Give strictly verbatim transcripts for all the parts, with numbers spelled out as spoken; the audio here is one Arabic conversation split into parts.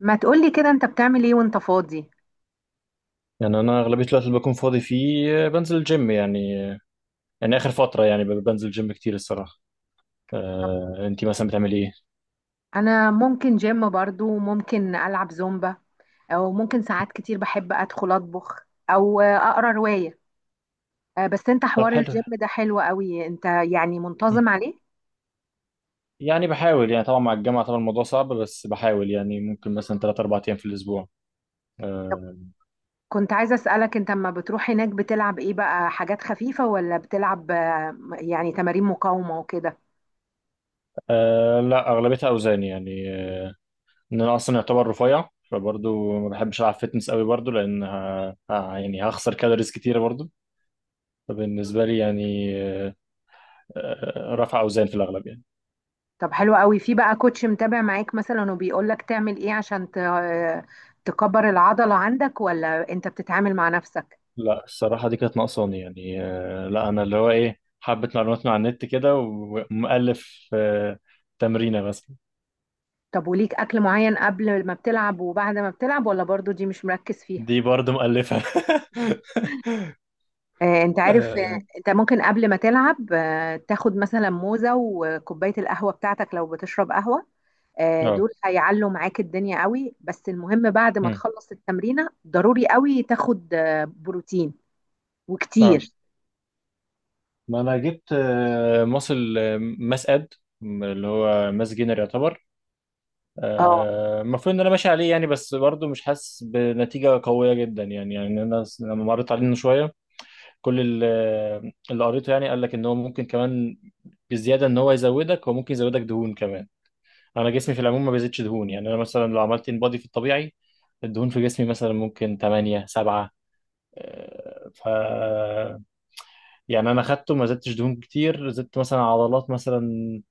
ما تقولي كده انت بتعمل ايه وانت فاضي؟ يعني انا اغلبيه الوقت اللي بكون فاضي فيه، آه، بنزل الجيم يعني. آه، يعني اخر فتره يعني ب- بنزل جيم كتير الصراحه. آه، انتي مثلا بتعملي ايه؟ انا ممكن جيم، برضو ممكن العب زومبا، او ممكن ساعات كتير بحب ادخل اطبخ او اقرا رواية. آه، بس انت طب حوار حلو. الجيم ده حلو قوي، انت يعني مم. منتظم عليه؟ يعني بحاول، يعني طبعا مع الجامعه، طبعا الموضوع صعب، بس بحاول يعني ممكن مثلا تلات اربعة ايام في الاسبوع. طب آه. كنت عايزة اسألك، انت لما بتروح هناك بتلعب ايه بقى، حاجات خفيفة ولا بتلعب آه، يعني تمارين مقاومة وكده؟ آه، لا اغلبيتها اوزان يعني. آه ان انا اصلا يعتبر رفيع، فبرضه ما بحبش العب فيتنس قوي برضه لان ه- ه- يعني هخسر كالوريز كتيره برضه. فبالنسبه لي يعني. آه آه، رفع اوزان في الاغلب يعني. طب حلو قوي، في بقى كوتش متابع معاك مثلا وبيقولك تعمل ايه عشان ت- آه، تكبر العضلة عندك، ولا انت بتتعامل مع نفسك؟ لا الصراحة دي كانت ناقصاني يعني. آه، لا أنا اللي هو إيه حبة معلومات من على النت كده ومؤلف آه، تمرينة مثلا. طب وليك اكل معين قبل ما بتلعب وبعد ما بتلعب، ولا برضو دي مش مركز فيها؟ دي برضه مؤلفة آه انت عارف، آه اه. انت ممكن قبل ما تلعب آه تاخد مثلا موزة وكوباية القهوة بتاعتك لو بتشرب قهوة. آه اه. دول هيعلوا معاك الدنيا قوي، بس المهم بعد ما مم. تخلص التمرينة ضروري قوي تاخد آه بروتين آه. وكتير. ما أنا جبت آه، ماسل آه، ماس أد، اللي هو ماس جينر يعتبر. اه، آه، المفروض إن أنا ماشي عليه يعني، بس برضه مش حاسس بنتيجة قوية جدا يعني. يعني أنا س- لما مريت عليه من شوية، كل ال- اللي قريته يعني قال لك ان هو ممكن كمان بزياده، ان هو يزودك، هو ممكن يزودك دهون كمان. انا جسمي في العموم ما بيزيدش دهون يعني. انا مثلا لو عملت ان بودي في الطبيعي، الدهون في جسمي مثلا ممكن تمانية سبعة. آه، ف يعني انا خدته، ما زدتش دهون كتير، زدت مثلا عضلات مثلا،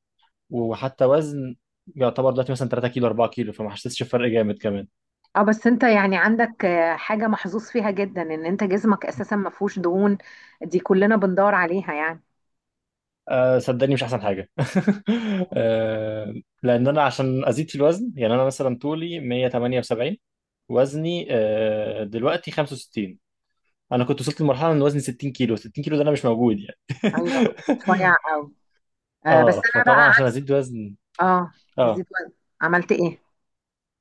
وحتى وزن يعتبر دلوقتي مثلا تلاتة كيلو اربعة كيلو، فما حسيتش بفرق جامد كمان. اه بس انت يعني عندك آه حاجة محظوظ فيها جدا، ان انت جسمك اساسا ما فيهوش دهون، دي كلنا بندور عليها يعني. أه صدقني مش احسن حاجه أه. لان انا عشان ازيد في الوزن يعني انا مثلا طولي مية وتمانية وسبعين، وزني أه دلوقتي خمسة وستين. انا كنت وصلت لمرحله ان وزني ستين كيلو. ستين كيلو ده انا مش موجود يعني ايوه كنت رفيع قوي. آه بس اه، انا بقى فطبعا عشان عكسك. ازيد وزن. اه تزيد اه. وزن، عملت ايه؟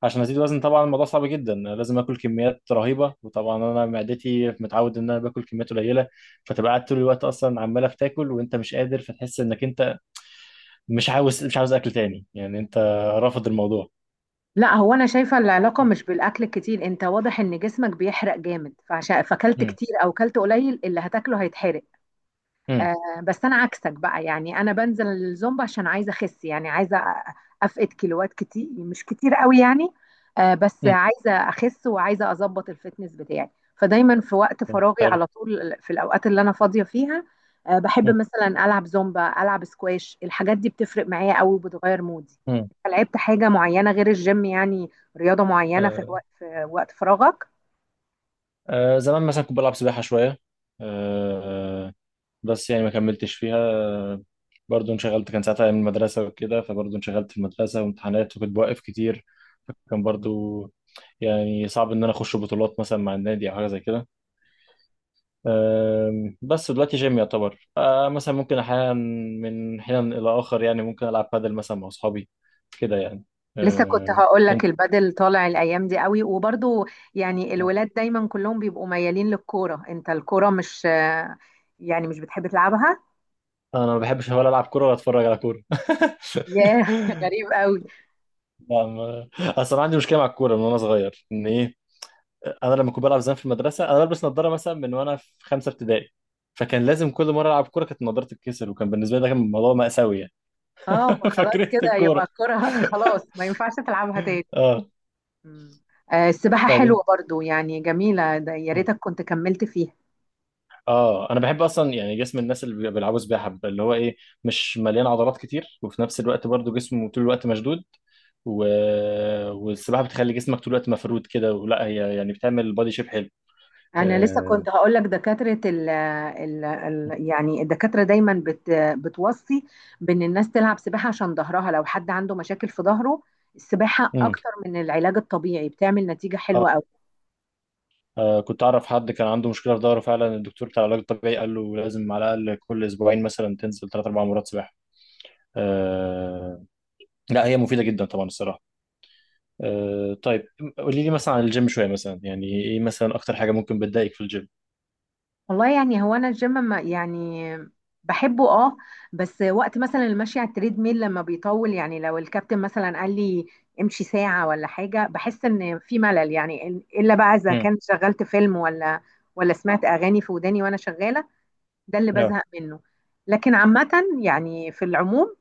عشان ازيد وزن طبعا الموضوع صعب جدا، لازم اكل كميات رهيبه، وطبعا انا معدتي متعود ان انا باكل كميات قليله، فتبقى قاعد طول الوقت اصلا عماله بتاكل وانت مش قادر، فتحس انك انت مش عاوز مش عاوز اكل تاني يعني، انت رافض الموضوع. لا هو انا شايفه العلاقه مش بالاكل الكتير، انت واضح ان جسمك بيحرق جامد، فعشان فاكلت مم. كتير او كلت قليل اللي هتاكله هيتحرق. مم. آه، بس انا عكسك بقى، يعني انا بنزل الزومبا عشان عايزه اخس، يعني عايزه أ- افقد كيلوات كتير، مش كتير قوي يعني. آه، بس مم. عايزه اخس وعايزه اظبط الفتنس بتاعي. فدايما في وقت فراغي حلو. على طول، في الاوقات اللي انا فاضيه فيها آه، بحب مم. مثلا العب زومبا، العب سكواش، الحاجات دي بتفرق معايا قوي وبتغير مودي. مم. أنت لعبت حاجه معينه غير الجيم يعني، رياضه معينه في آه. وقت في وقت فراغك؟ آه. زمان مثلا كنت بلعب سباحة شوية. آه. بس يعني ما كملتش فيها. آه، برضو انشغلت، كان ساعتها من المدرسة وكده، فبرضو انشغلت في المدرسة وامتحانات وكنت بوقف كتير، فكان برضو يعني صعب ان انا اخش بطولات مثلا مع النادي او حاجة زي كده. أم، بس دلوقتي جيم يعتبر. أه، مثلا ممكن احيانا من حين الى اخر يعني، ممكن العب بادل مثلا مع اصحابي كده يعني. لسه كنت أه، هقول لك انت. البادل طالع الايام دي قوي، وبرضو يعني الولاد دايما كلهم بيبقوا ميالين للكوره، انت الكوره مش يعني مش بتحب تلعبها؟ انا ما بحبش، ولا العب كوره ولا اتفرج على كوره ياه غريب قوي. لا، ما... اصل انا عندي مشكله مع الكوره من وانا صغير، ان ايه، انا لما كنت بلعب زمان في المدرسه انا بلبس نظاره مثلا من وانا في خمسه ابتدائي، فكان لازم كل مره العب كوره كانت نظارتي تتكسر، وكان بالنسبه لي ده كان موضوع مأساوي يعني. اه فخلاص فكرهت كده الكوره. يبقى الكوره خلاص ما ينفعش تلعبها تاني. اه. مم. آه، السباحه طيب انت. حلوه برضو يعني، جميله، ده يا ريتك كنت كملت فيها. اه انا بحب اصلا يعني جسم الناس اللي بيلعبوا سباحه بيبقى اللي هو ايه، مش مليان عضلات كتير وفي نفس الوقت برضو جسمه طول الوقت مشدود. و... والسباحه بتخلي جسمك طول الوقت مفرود كده، ولا هي يعني بتعمل بادي شيب حلو. انا لسه آه... كنت هقول لك دكاتره ال ال ال يعني الدكاتره دايما بت بتوصي بان الناس تلعب سباحه عشان ظهرها، لو حد عنده مشاكل في ظهره السباحه مم. اكتر من العلاج الطبيعي بتعمل نتيجه حلوه آه. قوي. اه كنت اعرف حد كان عنده مشكله في ظهره فعلا، الدكتور بتاع العلاج الطبيعي قال له لازم على الاقل كل اسبوعين مثلا تنزل ثلاث اربع مرات سباحه. آه... لا هي مفيده جدا طبعا الصراحه. آه... طيب، قولي لي مثلا عن الجيم شويه، مثلا يعني ايه مثلا اكتر حاجه ممكن بتضايقك في الجيم؟ والله يعني هو انا الجيم ما يعني بحبه اه، بس وقت مثلا المشي على التريد ميل لما بيطول يعني، لو الكابتن مثلا قال لي امشي ساعه ولا حاجه بحس ان في ملل يعني، الا بقى اذا كنت شغلت فيلم ولا ولا سمعت اغاني في وداني وانا شغاله، ده اللي اه. بزهق منه. لكن عامة يعني في العموم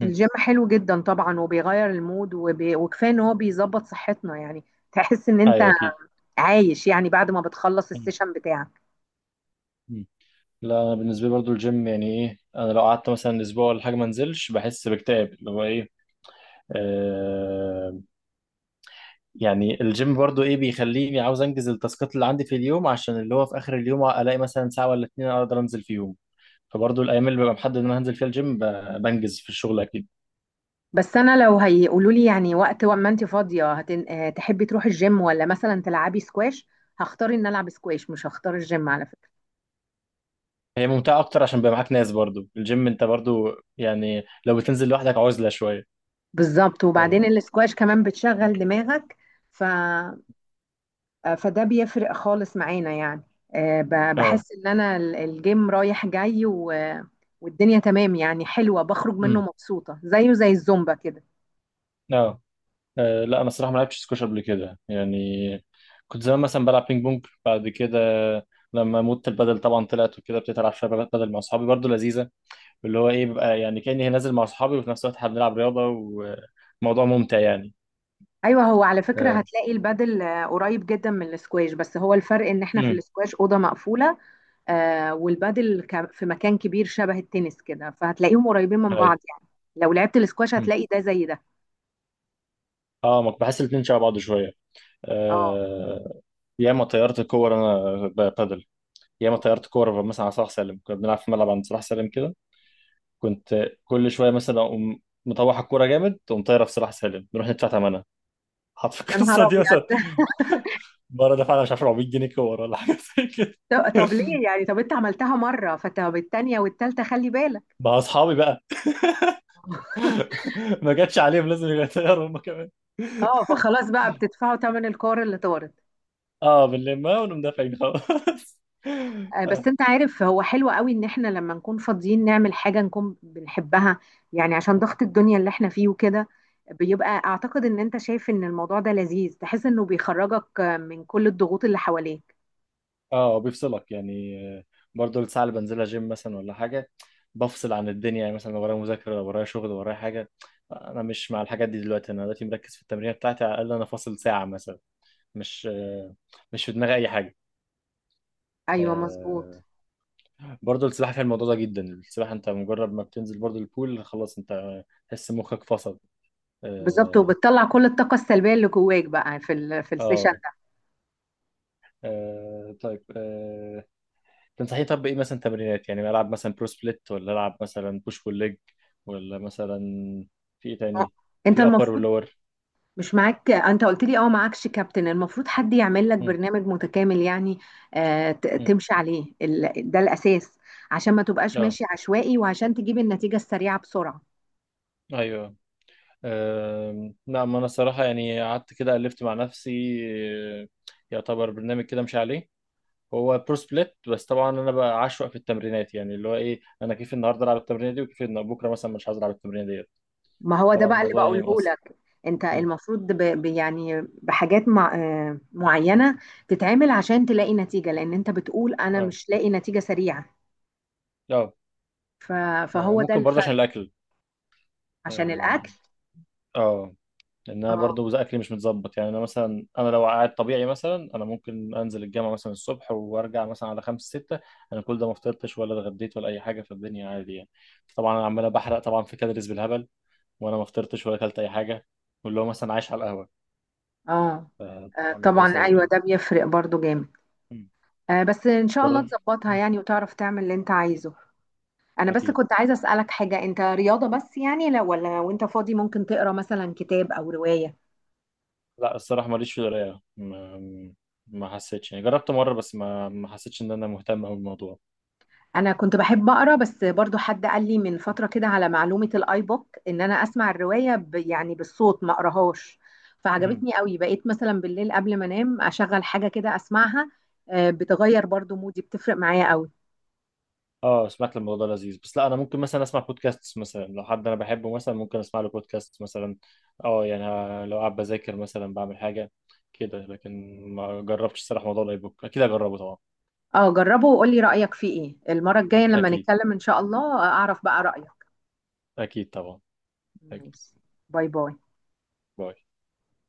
مم. الجيم حلو جدا طبعا وبيغير المود وبي وكفاية ان هو بيظبط صحتنا يعني، تحس ان انت ايوه اكيد. عايش يعني بعد ما بتخلص مم. السيشن بتاعك. مم. لا انا بالنسبه لي برضو الجيم يعني ايه، انا لو قعدت مثلا اسبوع ولا حاجه ما انزلش بحس باكتئاب اللي هو ايه. آه. يعني الجيم برضو ايه بيخليني عاوز انجز التاسكات اللي عندي في اليوم، عشان اللي هو في اخر اليوم الاقي مثلا ساعه ولا اتنين اقدر انزل فيهم، فبرضو الايام اللي ببقى محدد ان انا هنزل فيها الجيم ب- بنجز في الشغل اكيد. بس انا لو هيقولوا لي يعني وقت ما انت فاضية هتن... آه، تحبي تروحي الجيم ولا مثلا تلعبي سكواش، هختار ان العب سكواش مش هختار الجيم على فكرة. هي ممتعه اكتر عشان بيبقى معاك ناس، برضو الجيم انت برضو يعني لو بتنزل لوحدك عزله شويه. بالظبط، وبعدين اه. السكواش كمان بتشغل دماغك. ف آه، فده بيفرق خالص معانا يعني. آه، ب- آه. بحس ان انا ال- الجيم رايح جاي و والدنيا تمام يعني، حلوة، بخرج منه مم. مبسوطة زيه زي الزومبا كده. اه. آه، لا انا الصراحه ما لعبتش سكواش قبل كده يعني. كنت زمان مثلا بلعب بينج بونج، بعد كده لما موت البدل طبعا طلعت وكده، ابتديت العب شويه بدل مع اصحابي برضو لذيذه، اللي هو ايه بيبقى يعني كاني نازل مع اصحابي وفي نفس الوقت احنا بنلعب رياضه، وموضوع ممتع يعني. ايوه هو على فكرة اه. هتلاقي البادل آه، قريب جدا من الاسكواش، بس هو الفرق ان احنا في امم الاسكواش أوضة مقفولة، آه، والبادل ك- في مكان كبير شبه التنس كده، فهتلاقيهم قريبين من ايوه. بعض يعني. لو لعبت الاسكواش أمم. هتلاقي ده زي ده. اه ما بحس الاثنين شبه بعض شويه. اه آه. ياما طيرت كور انا ب- بدل. ياما طيرت كور مثلا على صلاح سالم، كنا بنلعب في ملعب عند صلاح سالم كده، كنت كل شويه مثلا اقوم مطوح الكوره جامد، تقوم طايره في صلاح سالم، نروح ندفع ثمنها. حط في يا نهار القصه دي، ابيض! مثلا مره دفعنا مش عارف اربعمية جنيه كوره ولا حاجه زي كده طب، طب ليه يعني؟ طب انت عملتها مرة، فطب التانية والتالتة خلي بالك. مع اصحابي بقى. ما جاتش عليهم لازم يغيروا هم كمان. اه فخلاص بقى بتدفعوا تمن الكور اللي طارت. اه بنلمها ونقوم دافعين خلاص. آه، بس انت عارف هو حلو قوي ان احنا لما نكون فاضيين نعمل حاجة نكون بنحبها، يعني عشان ضغط الدنيا اللي احنا فيه وكده، بيبقى اعتقد ان انت شايف ان الموضوع ده لذيذ، تحس انه بيخرجك آه، من كل الضغوط اللي حواليك. اه بيفصلك يعني. آه، برضه الساعه اللي بنزلها جيم مثلا ولا حاجه بفصل عن الدنيا يعني، مثلا لو ورايا مذاكره، لو ورايا شغل، لو ورايا حاجه، انا مش مع الحاجات دي دلوقتي، انا دلوقتي مركز في التمرين بتاعتي، على الاقل انا فاصل ساعه مثلا. مش آه، مش في دماغي اي حاجه. ايوه مظبوط. آه، برضو السباحه فيها الموضوع ده جدا، السباحه انت مجرد ما بتنزل برضو البول خلاص انت تحس مخك فصل. بالظبط، اه. وبتطلع كل الطاقة السلبية اللي جواك بقى في ال في السيشن. اه. آه، طيب. آه، تنصحني طب بايه مثلا تمرينات، يعني العب مثلا برو سبليت، ولا العب مثلا بوش بول ليج، ولا مثلا في ايه ده تاني؟ انت في ابر المفروض، ولور. مش معاك انت قلت لي اه معاكش كابتن، المفروض حد يعمل لك مم. برنامج متكامل يعني، آه ت- مم. تمشي عليه ال- ده الاساس، عشان ما تبقاش اه. ماشي عشوائي وعشان تجيب النتيجة السريعة بسرعة. ايوه. آم، نعم، انا الصراحه يعني قعدت كده الفت مع نفسي. آه، يعتبر برنامج كده مش عليه، هو برو سبليت، بس طبعا انا بقى عشوائي في التمرينات يعني، اللي هو ايه، انا كيف النهارده العب التمرينه دي، وكيف إن بكره مثلا مش عايز العب التمرينه ديت. ما هو ده طبعا بقى اللي الموضوع بقوله يعني مؤثر. لك، انت مم. المفروض ب ب- يعني بحاجات مع آه معينة تتعمل عشان تلاقي نتيجة، لان انت بتقول انا اه. مش لاقي نتيجة سريعة. اه. ف آه، فهو ده ممكن برضه الفرق. عشان الاكل. عشان اه. الاكل. آه. لان انا اه، برضه اكلي مش متظبط يعني، انا مثلا انا لو قاعد طبيعي مثلا، انا ممكن انزل الجامعه مثلا الصبح وارجع مثلا على خمسة ستة، انا كل ده ما فطرتش ولا اتغديت ولا اي حاجه في الدنيا عادي يعني، طبعا انا عمال بحرق طبعا في كالوريز بالهبل وانا ما فطرتش ولا اكلت اي حاجه، واللي هو مثلا عايش على القهوه. اه آه، طبعا الموضوع طبعا ايوه سيء ده بيفرق برضو جامد. يعني. آه، بس ان شاء الله جرب. تظبطها يعني، وتعرف تعمل اللي انت عايزه. انا بس اكيد. كنت عايزه اسالك حاجه، انت رياضه بس يعني لو ولا وانت فاضي ممكن تقرا مثلا كتاب او روايه؟ لا الصراحه ماليش في القرايه، ما ما حسيتش يعني، جربت مره بس ما ما حسيتش ان انا مهتم أوي بالموضوع. انا كنت بحب اقرا، بس برضو حد قال لي من فتره كده على معلومه الاي بوك، ان انا اسمع الروايه ب يعني بالصوت ما اقراهاش، مم. فعجبتني قوي، بقيت مثلا بالليل قبل ما انام اشغل حاجه كده اسمعها. آه، بتغير برضو مودي، بتفرق معايا قوي. اه سمعت الموضوع ده لذيذ، بس لا انا ممكن مثلا اسمع بودكاست مثلا، لو حد انا بحبه مثلا ممكن اسمع له بودكاست مثلا. اه يعني ه- لو قاعد بذاكر مثلا بعمل حاجه كده، لكن ما جربتش الصراحه موضوع الاي بوك، اكيد هجربه طبعا. اه جربه وقولي رايك فيه ايه المره الجايه لما اكيد. نتكلم ان شاء الله، آه، اعرف بقى رايك. اكيد طبعا. اكيد. ماشي. باي باي. باي.